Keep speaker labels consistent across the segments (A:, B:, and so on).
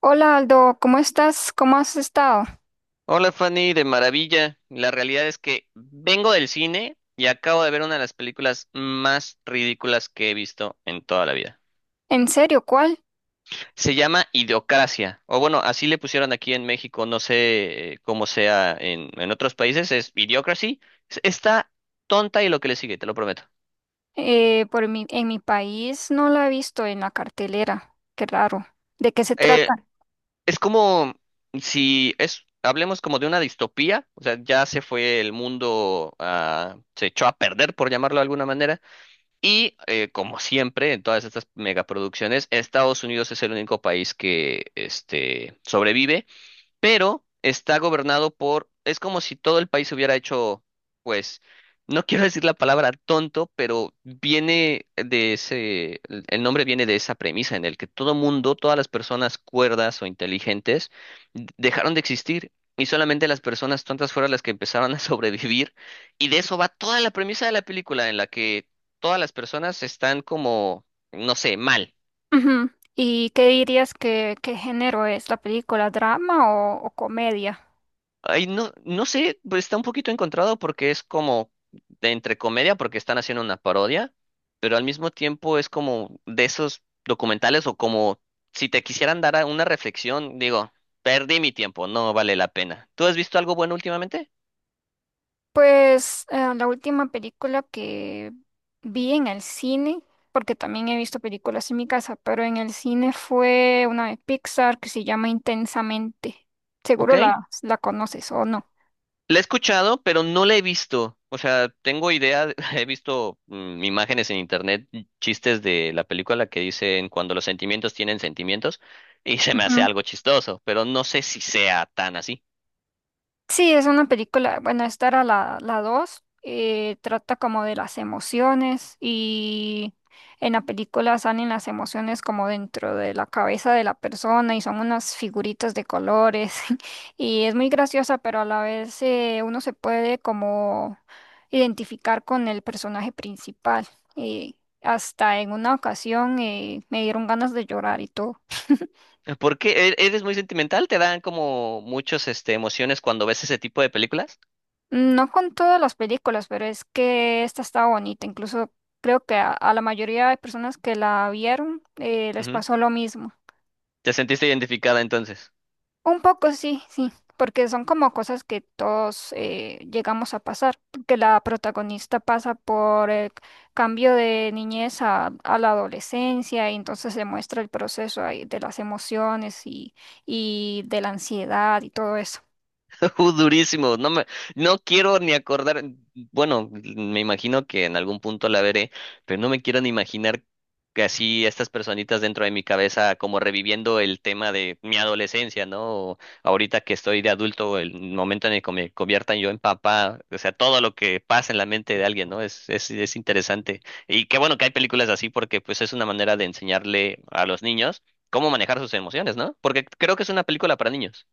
A: Hola Aldo, ¿cómo estás? ¿Cómo has estado?
B: Hola Fanny, de maravilla. La realidad es que vengo del cine y acabo de ver una de las películas más ridículas que he visto en toda la vida.
A: ¿En serio? ¿Cuál?
B: Se llama Idiocracia, o bueno, así le pusieron aquí en México, no sé cómo sea en otros países, es Idiocracy. Está tonta y lo que le sigue, te lo prometo.
A: Por mi, en mi país no la he visto en la cartelera. Qué raro. ¿De qué se
B: Eh,
A: trata?
B: es como si es, hablemos como de una distopía, o sea, ya se fue el mundo, ah, se echó a perder, por llamarlo de alguna manera. Y como siempre, en todas estas megaproducciones, Estados Unidos es el único país que sobrevive, pero está gobernado por, es como si todo el país hubiera hecho, pues, no quiero decir la palabra tonto, pero viene de ese, el nombre viene de esa premisa en el que todo mundo, todas las personas cuerdas o inteligentes dejaron de existir. Y solamente las personas tontas fueron las que empezaron a sobrevivir. Y de eso va toda la premisa de la película, en la que todas las personas están como, no sé, mal.
A: Ujú. ¿Y qué dirías que qué género es la película? ¿Drama o comedia?
B: Ay, no, no sé, pues está un poquito encontrado porque es como de entre comedia, porque están haciendo una parodia, pero al mismo tiempo es como de esos documentales o como si te quisieran dar una reflexión, digo, perdí mi tiempo, no vale la pena. ¿Tú has visto algo bueno últimamente?
A: Pues la última película que vi en el cine, porque también he visto películas en mi casa, pero en el cine fue una de Pixar que se llama Intensamente. Seguro
B: Ok.
A: la conoces o no.
B: La he escuchado, pero no la he visto. O sea, tengo idea, he visto imágenes en internet, chistes de la película que dicen cuando los sentimientos tienen sentimientos y se me hace
A: Ujú.
B: algo chistoso, pero no sé si sea tan así.
A: Sí, es una película, bueno, esta era la 2 trata como de las emociones y en la película salen las emociones como dentro de la cabeza de la persona y son unas figuritas de colores y es muy graciosa, pero a la vez uno se puede como identificar con el personaje principal y hasta en una ocasión me dieron ganas de llorar y todo.
B: ¿Por qué? ¿Eres muy sentimental? ¿Te dan como muchas emociones cuando ves ese tipo de películas?
A: No con todas las películas, pero es que esta está bonita. Incluso creo que a la mayoría de personas que la vieron les
B: Ujú.
A: pasó lo mismo.
B: ¿Te sentiste identificada entonces?
A: Un poco sí, sí, porque son como cosas que todos llegamos a pasar, que la protagonista pasa por el cambio de niñez a la adolescencia y entonces se muestra el proceso ahí de las emociones y de la ansiedad y todo eso.
B: Durísimo, no me, no quiero ni acordar, bueno, me imagino que en algún punto la veré, pero no me quiero ni imaginar que así estas personitas dentro de mi cabeza como reviviendo el tema de mi adolescencia, ¿no? O ahorita que estoy de adulto, el momento en el que me conviertan yo en papá, o sea, todo lo que pasa en la mente de alguien, ¿no? Es interesante. Y qué bueno que hay películas así porque pues es una manera de enseñarle a los niños cómo manejar sus emociones, ¿no? Porque creo que es una película para niños.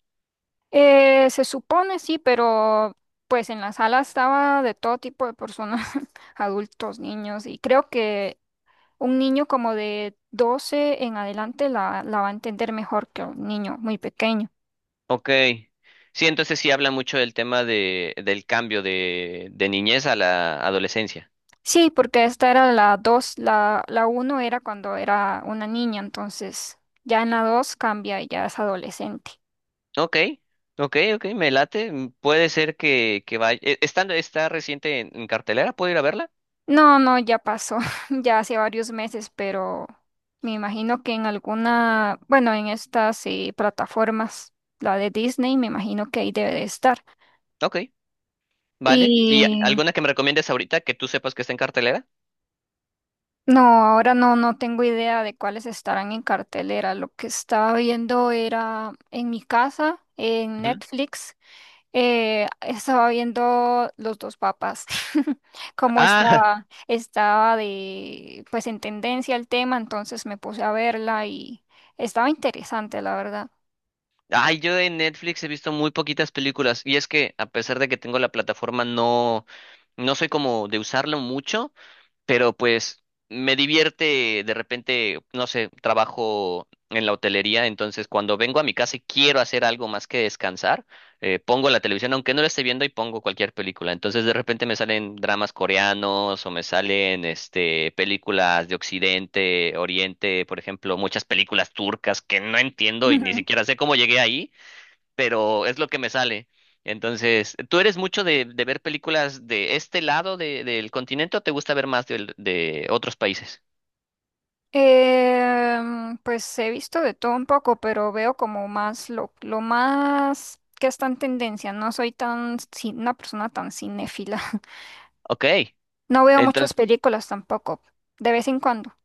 A: Se supone sí, pero pues en la sala estaba de todo tipo de personas, adultos, niños, y creo que un niño como de 12 en adelante la va a entender mejor que un niño muy pequeño.
B: Ok. Sí, entonces sí habla mucho del tema del cambio de niñez a la adolescencia.
A: Sí, porque esta era la 2 la uno era cuando era una niña, entonces ya en la 2 cambia y ya es adolescente.
B: Ok, ok, ok, me late. Puede ser que vaya. ¿Está reciente en cartelera? ¿Puedo ir a verla?
A: No, no, ya pasó, ya hace varios meses, pero me imagino que en alguna, bueno, en estas plataformas, la de Disney, me imagino que ahí debe de estar.
B: Ok, vale. ¿Y
A: Y
B: alguna que me recomiendes ahorita que tú sepas que está en cartelera?
A: no, ahora no, no tengo idea de cuáles estarán en cartelera. Lo que estaba viendo era en mi casa, en
B: Ujú.
A: Netflix. Estaba viendo los dos papas, como
B: Ah,
A: estaba de, pues en tendencia el tema, entonces me puse a verla y estaba interesante, la verdad.
B: ay, yo en Netflix he visto muy poquitas películas y es que a pesar de que tengo la plataforma no soy como de usarlo mucho, pero pues me divierte de repente, no sé, trabajo en la hotelería, entonces cuando vengo a mi casa y quiero hacer algo más que descansar, pongo la televisión, aunque no la esté viendo, y pongo cualquier película. Entonces de repente me salen dramas coreanos o me salen películas de Occidente, Oriente, por ejemplo, muchas películas turcas que no entiendo y ni siquiera sé cómo llegué ahí, pero es lo que me sale. Entonces, ¿tú eres mucho de ver películas de este lado del continente o te gusta ver más otros países?
A: Pues he visto de todo un poco, pero veo como más lo más que está en tendencia. No soy tan, una persona tan cinéfila.
B: Ok,
A: No veo muchas
B: entonces,
A: películas tampoco, de vez en cuando.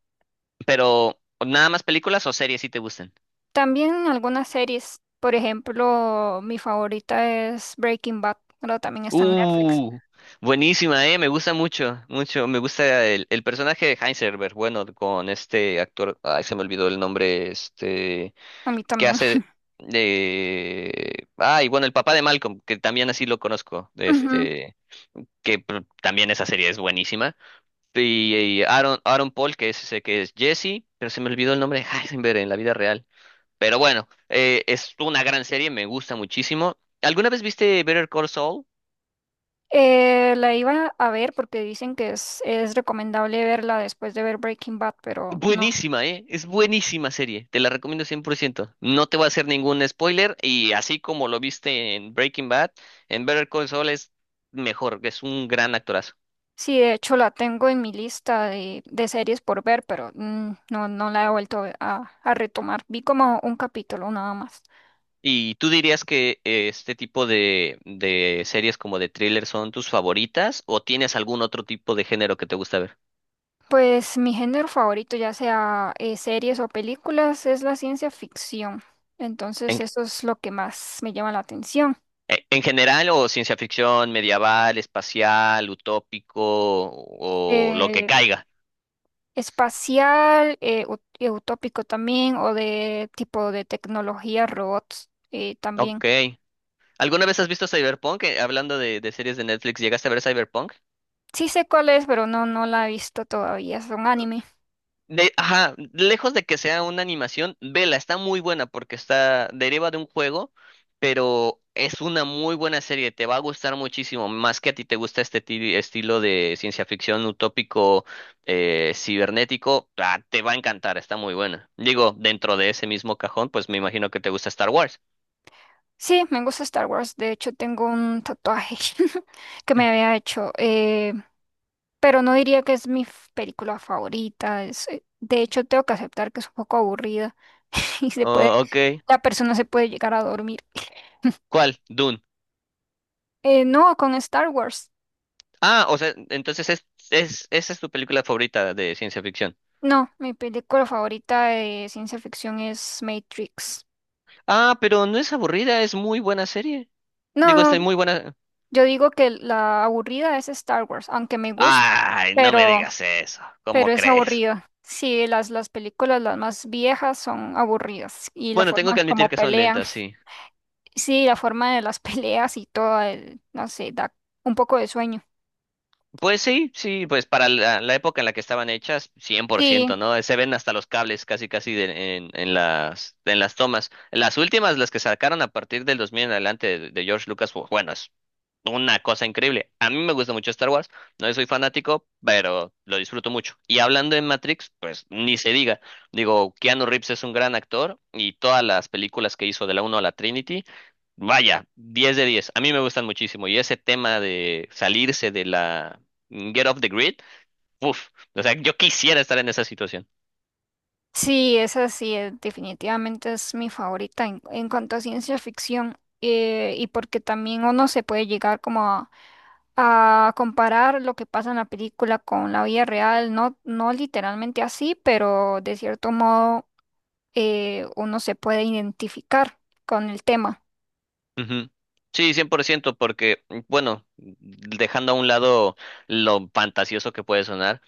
B: pero ¿nada más películas o series si te gustan?
A: También en algunas series, por ejemplo, mi favorita es Breaking Bad, pero también está en Netflix.
B: Uh, Buenísima, me gusta mucho, mucho, me gusta el personaje de Heisenberg, bueno, con este actor, ay, se me olvidó el nombre, este,
A: A mí
B: que
A: también.
B: hace de, ay, bueno, el papá de Malcolm, que también así lo conozco,
A: Ujú.
B: este. Que también esa serie es buenísima. Y Aaron, Aaron Paul, que es ese que es Jesse, pero se me olvidó el nombre de Heisenberg en la vida real. Pero bueno, es una gran serie, me gusta muchísimo. ¿Alguna vez viste Better Call Saul?
A: La iba a ver porque dicen que es recomendable verla después de ver Breaking Bad, pero no.
B: Buenísima, ¿eh? Es buenísima serie, te la recomiendo cien por ciento. No te voy a hacer ningún spoiler y así como lo viste en Breaking Bad, en Better Call Saul es mejor, es un gran actorazo.
A: Sí, de hecho la tengo en mi lista de series por ver, pero no, no la he vuelto a retomar. Vi como un capítulo nada más.
B: ¿Y tú dirías que este tipo de series como de thriller son tus favoritas o tienes algún otro tipo de género que te gusta ver?
A: Pues mi género favorito, ya sea series o películas, es la ciencia ficción. Entonces
B: En,
A: eso es lo que más me llama la atención.
B: en general o ciencia ficción, medieval, espacial, utópico o lo que
A: Eh,
B: caiga.
A: Espacial, utópico también, o de tipo de tecnología, robots también.
B: Ok. ¿Alguna vez has visto Cyberpunk? Hablando de series de Netflix, ¿llegaste a ver Cyberpunk?
A: Sí sé cuál es, pero no, no la he visto todavía. Es un anime.
B: Ajá, lejos de que sea una animación, vela, está muy buena porque deriva de un juego, pero es una muy buena serie, te va a gustar muchísimo, más que a ti te gusta este estilo de ciencia ficción utópico, cibernético, ah, te va a encantar, está muy buena. Digo, dentro de ese mismo cajón, pues me imagino que te gusta Star Wars.
A: Sí, me gusta Star Wars. De hecho, tengo un tatuaje que me había hecho. Pero no diría que es película favorita. De hecho, tengo que aceptar que es un poco aburrida y se puede,
B: Oh, ok.
A: la persona se puede llegar a dormir.
B: ¿Cuál? Dune.
A: No, con Star Wars.
B: Ah, o sea, entonces es, esa es tu película favorita de ciencia ficción.
A: No, mi película favorita de ciencia ficción es Matrix.
B: Ah, pero no es aburrida, es muy buena serie.
A: No,
B: Digo, es
A: no,
B: muy buena.
A: yo digo que la aburrida es Star Wars, aunque me gusta,
B: Ay, no me
A: pero,
B: digas eso.
A: pero
B: ¿Cómo
A: es
B: crees?
A: aburrida. Sí, las películas las más viejas son aburridas y la
B: Bueno, tengo
A: forma
B: que admitir
A: como
B: que son
A: pelean.
B: lentas, sí.
A: Sí, la forma de las peleas y todo, no sé, da un poco de sueño.
B: Pues sí, sí, pues para la época en la que estaban hechas, cien por ciento,
A: Sí,
B: ¿no? Se ven hasta los cables casi, casi en las tomas. Las últimas, las que sacaron a partir del 2000 en adelante de George Lucas, bueno, una cosa increíble. A mí me gusta mucho Star Wars, no soy fanático, pero lo disfruto mucho. Y hablando de Matrix, pues ni se diga. Digo, Keanu Reeves es un gran actor y todas las películas que hizo de la uno a la Trinity, vaya, 10 de diez. A mí me gustan muchísimo y ese tema de salirse de la Get off the grid, uff, o sea, yo quisiera estar en esa situación.
A: sí, esa sí, definitivamente es mi favorita en cuanto a ciencia ficción. Y porque también uno se puede llegar como a comparar lo que pasa en la película con la vida real, no, no literalmente así, pero de cierto modo uno se puede identificar con el tema.
B: Ujú. Sí, 100%, porque, bueno, dejando a un lado lo fantasioso que puede sonar,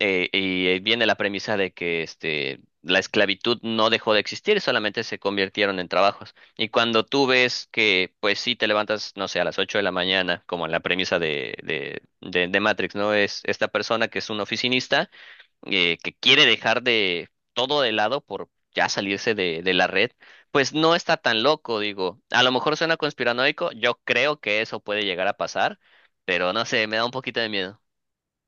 B: y viene la premisa de que la esclavitud no dejó de existir, solamente se convirtieron en trabajos. Y cuando tú ves que, pues sí, te levantas, no sé, a las 8 de la mañana, como en la premisa de Matrix, ¿no? Es esta persona que es un oficinista, que quiere dejar de todo de lado por ya salirse de la red, pues no está tan loco, digo. A lo mejor suena conspiranoico, yo creo que eso puede llegar a pasar, pero no sé, me da un poquito de miedo.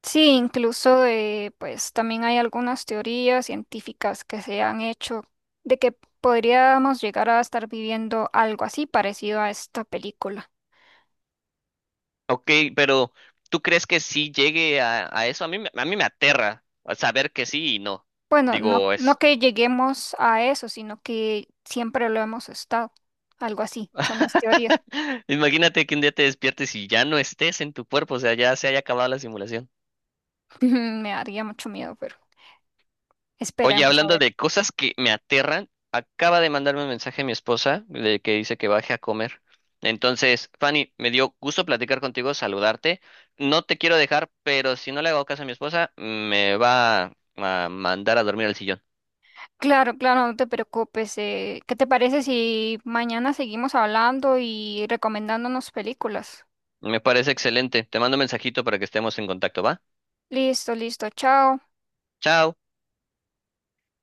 A: Sí, incluso pues también hay algunas teorías científicas que se han hecho de que podríamos llegar a estar viviendo algo así parecido a esta película.
B: Ok, pero ¿tú crees que sí llegue a eso? A mí, a mí me aterra saber que sí y no.
A: Bueno, no,
B: Digo,
A: no
B: es.
A: que lleguemos a eso, sino que siempre lo hemos estado. Algo así, son las teorías.
B: Imagínate que un día te despiertes y ya no estés en tu cuerpo, o sea, ya se haya acabado la simulación.
A: Me daría mucho miedo, pero
B: Oye,
A: esperemos a
B: hablando
A: ver.
B: de cosas que me aterran, acaba de mandarme un mensaje mi esposa de que dice que baje a comer. Entonces, Fanny, me dio gusto platicar contigo, saludarte. No te quiero dejar, pero si no le hago caso a mi esposa, me va a mandar a dormir al sillón.
A: Claro, claro, no te preocupes. ¿Qué te parece si mañana seguimos hablando y recomendándonos películas?
B: Me parece excelente. Te mando un mensajito para que estemos en contacto, ¿va?
A: Listo, listo, chao.
B: Chao.